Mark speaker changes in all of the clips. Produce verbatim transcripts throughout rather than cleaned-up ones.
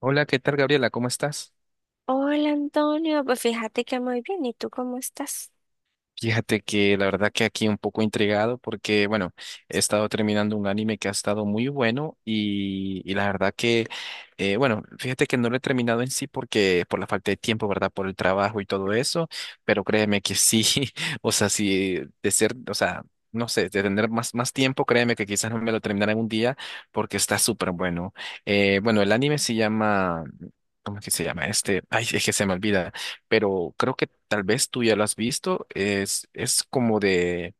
Speaker 1: Hola, ¿qué tal, Gabriela? ¿Cómo estás?
Speaker 2: Hola Antonio, pues fíjate que muy bien, ¿y tú cómo estás?
Speaker 1: Fíjate que la verdad que aquí un poco intrigado porque, bueno, he estado terminando un anime que ha estado muy bueno y, y la verdad que, eh, bueno, fíjate que no lo he terminado en sí porque por la falta de tiempo, ¿verdad? Por el trabajo y todo eso, pero créeme que sí, o sea, sí, de ser, o sea, no sé, de tener más, más tiempo, créeme que quizás no me lo terminaré en un día porque está súper bueno. Eh, bueno, el anime se llama... ¿Cómo es que se llama este? Ay, es que se me olvida. Pero creo que tal vez tú ya lo has visto. Es, es como de,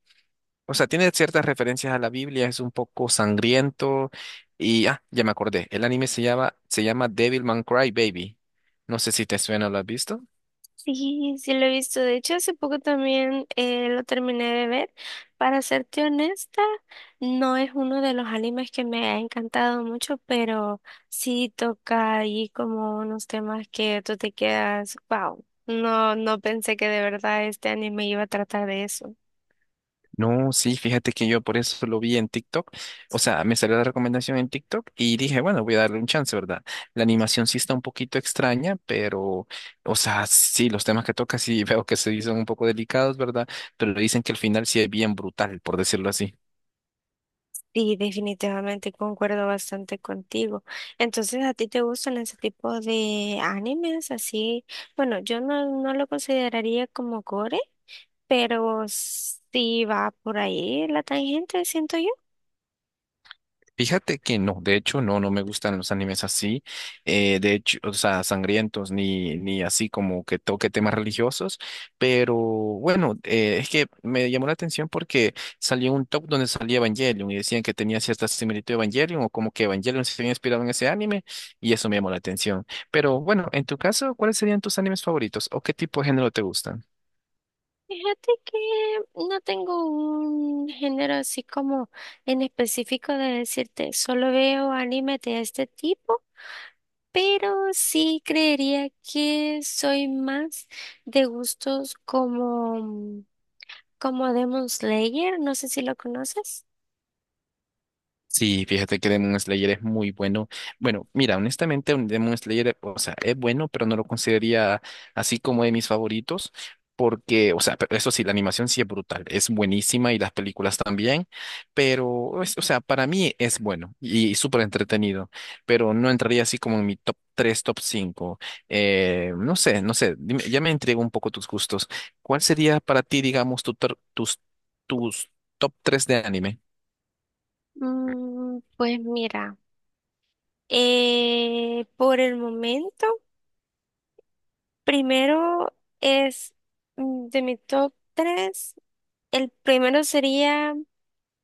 Speaker 1: o sea, tiene ciertas referencias a la Biblia, es un poco sangriento. Y ah, ya me acordé. El anime se llama, se llama Devilman Crybaby. No sé si te suena, ¿lo has visto?
Speaker 2: Sí, sí lo he visto. De hecho, hace poco también eh, lo terminé de ver. Para serte honesta, no es uno de los animes que me ha encantado mucho, pero sí toca ahí como unos temas que tú te quedas, wow, no, no pensé que de verdad este anime iba a tratar de eso.
Speaker 1: No, sí, fíjate que yo por eso lo vi en TikTok. O sea, me salió la recomendación en TikTok y dije, bueno, voy a darle un chance, ¿verdad? La animación sí está un poquito extraña, pero, o sea, sí, los temas que toca sí veo que se dicen un poco delicados, ¿verdad? Pero dicen que el final sí es bien brutal, por decirlo así.
Speaker 2: Sí, definitivamente concuerdo bastante contigo. Entonces, ¿a ti te gustan ese tipo de animes así? Bueno, yo no, no lo consideraría como gore, pero sí va por ahí la tangente, siento yo.
Speaker 1: Fíjate que no, de hecho no, no me gustan los animes así, eh, de hecho, o sea, sangrientos ni, ni así como que toque temas religiosos, pero bueno, eh, es que me llamó la atención porque salió un top donde salía Evangelion y decían que tenía cierta similitud a Evangelion o como que Evangelion se había inspirado en ese anime y eso me llamó la atención. Pero bueno, en tu caso, ¿cuáles serían tus animes favoritos o qué tipo de género te gustan?
Speaker 2: Fíjate que no tengo un género así como en específico de decirte, solo veo anime de este tipo, pero sí creería que soy más de gustos como Como Demon Slayer, no sé si lo conoces.
Speaker 1: Sí, fíjate que Demon Slayer es muy bueno. Bueno, mira, honestamente, un Demon Slayer, o sea, es bueno, pero no lo consideraría así como de mis favoritos, porque, o sea, pero eso sí, la animación sí es brutal, es buenísima y las películas también, pero, es- o sea, para mí es bueno y, súper entretenido, pero no entraría así como en mi top tres, top cinco. Eh, no sé, no sé, dime- ya me intrigó un poco tus gustos. ¿Cuál sería para ti, digamos, tu, tor- tus, tus top tres de anime?
Speaker 2: Mm, pues mira, eh, por el momento, primero es mm, de mi top tres el primero sería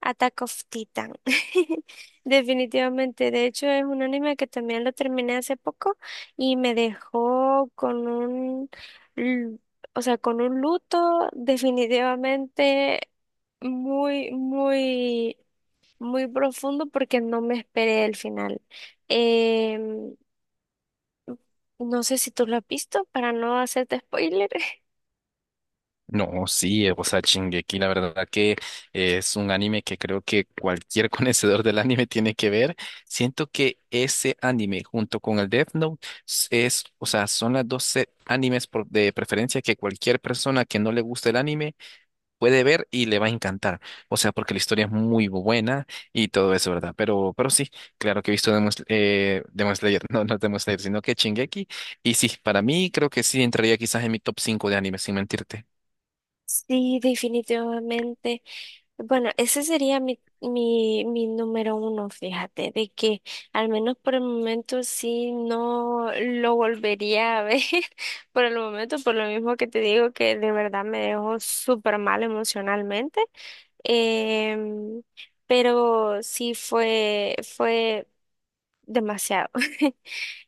Speaker 2: Attack of Titan. Definitivamente, de hecho es un anime que también lo terminé hace poco y me dejó con un, l- o sea, con un luto definitivamente muy, muy muy profundo porque no me esperé el final. Em, no sé si tú lo has visto para no hacerte spoiler.
Speaker 1: No, sí, eh, o sea, Shingeki, la verdad que es un anime que creo que cualquier conocedor del anime tiene que ver. Siento que ese anime junto con el Death Note s- es, o sea, son las dos se- animes por- de preferencia que cualquier persona que no le guste el anime puede ver y le va a encantar. O sea, porque la historia es muy buena y todo eso, ¿verdad? Pero, pero sí, claro que he visto Demon, Sl- eh, Demon Slayer, no, no Demon Slayer, sino que Shingeki. Y sí, para mí creo que sí entraría quizás en mi top cinco de animes, sin mentirte.
Speaker 2: Sí, definitivamente. Bueno, ese sería mi, mi, mi número uno, fíjate, de que al menos por el momento sí no lo volvería a ver por el momento, por lo mismo que te digo que de verdad me dejó súper mal emocionalmente. Em, pero sí fue, fue demasiado.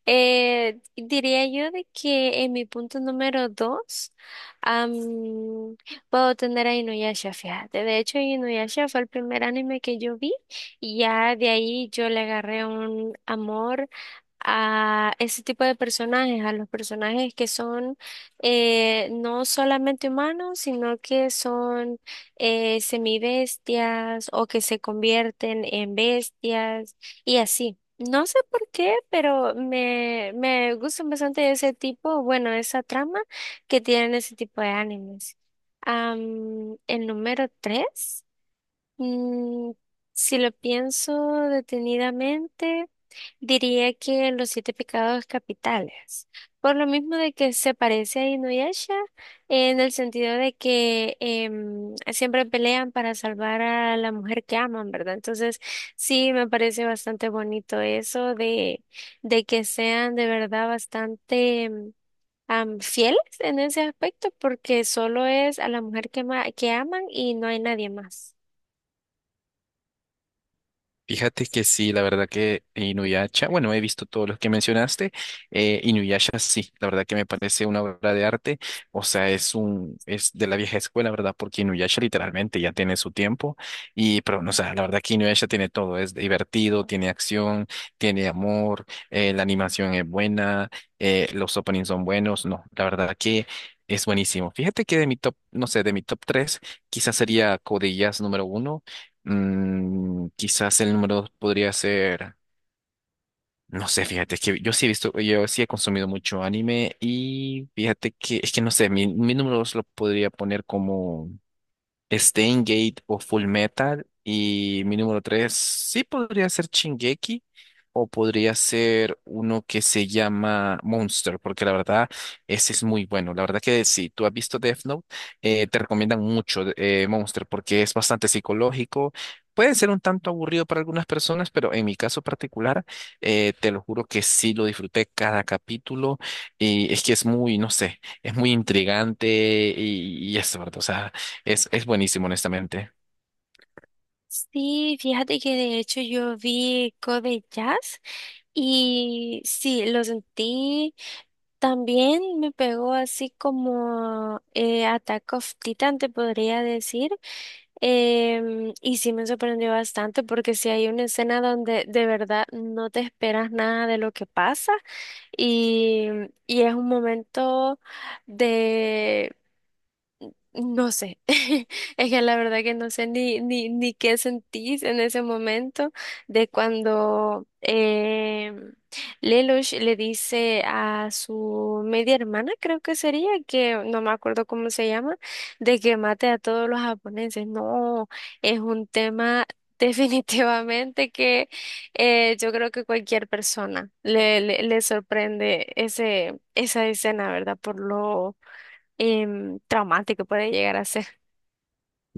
Speaker 2: Eh, diría yo de que en mi punto número dos am, puedo tener a Inuyasha, fíjate. De hecho, Inuyasha fue el primer anime que yo vi y ya de ahí yo le agarré un amor a ese tipo de personajes, a los personajes que son eh, no solamente humanos, sino que son eh, semibestias o que se convierten en bestias y así. No sé por qué, pero me, me gustan bastante ese tipo, bueno, esa trama que tienen ese tipo de animes. Am, el número tres Mm, si lo pienso detenidamente, diría que Los Siete Pecados Capitales. Por lo mismo de que se parece a Inuyasha, en el sentido de que em, siempre pelean para salvar a la mujer que aman, ¿verdad? Entonces, sí, me parece bastante bonito eso de, de que sean de verdad bastante em, am, fieles en ese aspecto, porque solo es a la mujer que, ma- que aman y no hay nadie más.
Speaker 1: Fíjate que sí, la verdad que Inuyasha, bueno, he visto todos los que mencionaste, eh, Inuyasha sí, la verdad que me parece una obra de arte, o sea, es un, es de la vieja escuela, ¿verdad? Porque Inuyasha literalmente ya tiene su tiempo, y, pero, no, o sea, la verdad que Inuyasha tiene todo, es divertido, tiene acción, tiene amor, eh, la animación es buena, eh, los openings son buenos, no, la verdad que es buenísimo. Fíjate que de mi top, no sé, de mi top tres, quizás sería Code Codillas número uno. Mm, quizás el número dos podría ser, no sé, fíjate, es que yo sí he visto, yo sí he consumido mucho anime y fíjate que, es que no sé, mi, mi número dos lo podría poner como Stain Gate o Full Metal. Y mi número tres, sí podría ser Shingeki o podría ser uno que se llama Monster, porque la verdad, ese es muy bueno. La verdad que si tú has visto Death Note, eh, te recomiendan mucho eh, Monster porque es bastante psicológico. Puede ser un tanto aburrido para algunas personas, pero en mi caso particular, eh, te lo juro que sí lo disfruté cada capítulo y es que es muy, no sé, es muy intrigante y, y eso, ¿verdad? O sea, es, es buenísimo, honestamente.
Speaker 2: Sí, fíjate que de hecho yo vi Code Jazz y sí, lo sentí. También me pegó así como eh, Attack of Titan, te podría decir. Em, y sí me sorprendió bastante porque sí hay una escena donde de verdad no te esperas nada de lo que pasa y, y es un momento de. No sé, es que la verdad que no sé ni, ni, ni qué sentís en ese momento de cuando eh, Lelouch le dice a su media hermana, creo que sería, que no me acuerdo cómo se llama, de que mate a todos los japoneses. No, es un tema definitivamente que eh, yo creo que cualquier persona le, le, le sorprende ese, esa escena, ¿verdad? Por lo em, traumático puede llegar a ser.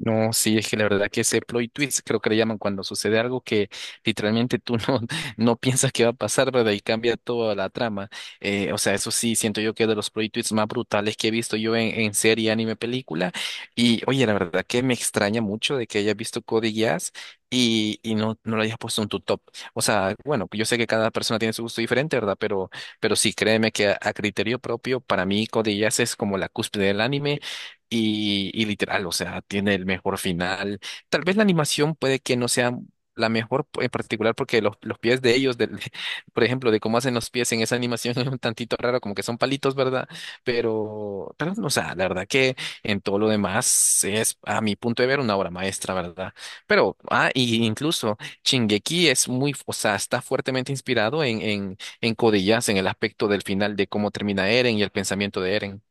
Speaker 1: No, sí, es que la verdad que ese plot twist creo que le llaman cuando sucede algo que literalmente tú no, no piensas que va a pasar, ¿verdad? Y cambia toda la trama. Eh, o sea, eso sí, siento yo que es de los plot twists más brutales que he visto yo en, en serie, anime, película. Y oye, la verdad que me extraña mucho de que hayas visto Code Geass y, y no, no lo hayas puesto en tu top. O sea, bueno, yo sé que cada persona tiene su gusto diferente, ¿verdad? Pero, pero sí, créeme que a, a criterio propio, para mí Code Geass es como la cúspide del anime. Y, y literal, o sea, tiene el mejor final. Tal vez la animación puede que no sea la mejor en particular porque los, los pies de ellos, del, por ejemplo, de cómo hacen los pies en esa animación es un tantito raro, como que son palitos, ¿verdad? Pero, pero, o sea, la verdad que en todo lo demás es, a mi punto de ver, una obra maestra, ¿verdad? Pero, ah, y incluso Shingeki es muy, o sea, está fuertemente inspirado en, en, en Code Geass, en el aspecto del final, de cómo termina Eren y el pensamiento de Eren.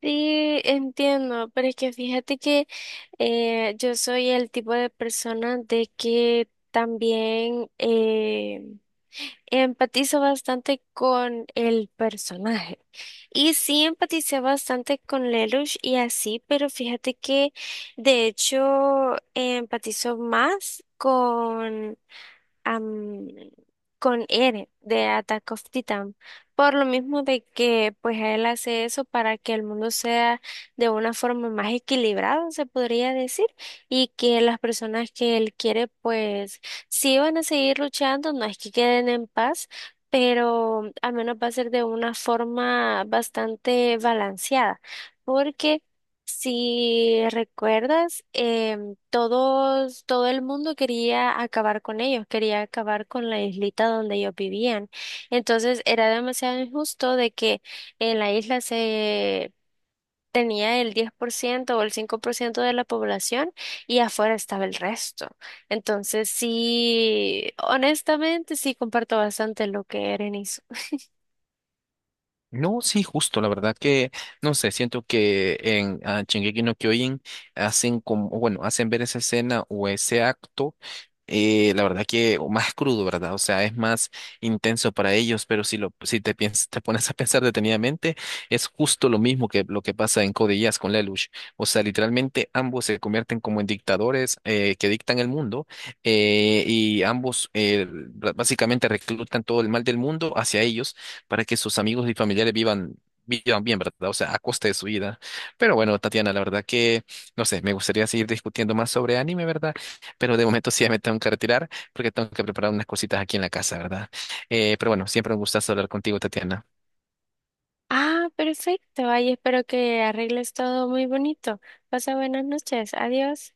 Speaker 2: Sí, entiendo, pero es que fíjate que eh, yo soy el tipo de persona de que también eh, empatizo bastante con el personaje. Y sí empaticé bastante con Lelouch y así, pero fíjate que de hecho empatizo más con am, con Eren de Attack of Titan, por lo mismo de que pues él hace eso para que el mundo sea de una forma más equilibrada, se podría decir, y que las personas que él quiere pues sí van a seguir luchando, no es que queden en paz, pero al menos va a ser de una forma bastante balanceada, porque si recuerdas, em, todos, todo el mundo quería acabar con ellos, quería acabar con la islita donde ellos vivían. Entonces era demasiado injusto de que en la isla se tenía el diez por ciento o el cinco por ciento de la población y afuera estaba el resto. Entonces sí, honestamente sí comparto bastante lo que Eren hizo.
Speaker 1: No, sí, justo, la verdad que, no sé, siento que en ah, Shingeki no Kyojin hacen como, bueno, hacen ver esa escena o ese acto eh, la verdad que o más crudo, ¿verdad? O sea, es más intenso para ellos, pero si lo, si te piens- te pones a pensar detenidamente, es justo lo mismo que lo que pasa en Code Geass con Lelouch. O sea, literalmente ambos se convierten como en dictadores eh, que dictan el mundo eh, y ambos eh, bra- básicamente reclutan todo el mal del mundo hacia ellos para que sus amigos y familiares vivan vivan bien, ¿verdad? O sea, a costa de su vida. Pero bueno, Tatiana, la verdad que, no sé, me gustaría seguir discutiendo más sobre anime, ¿verdad? Pero de momento sí ya me tengo que retirar porque tengo que preparar unas cositas aquí en la casa, ¿verdad? Eh, pero bueno, siempre un gustazo hablar contigo, Tatiana.
Speaker 2: Ah, perfecto. Ay, espero que arregles todo muy bonito. Pasa buenas noches. Adiós.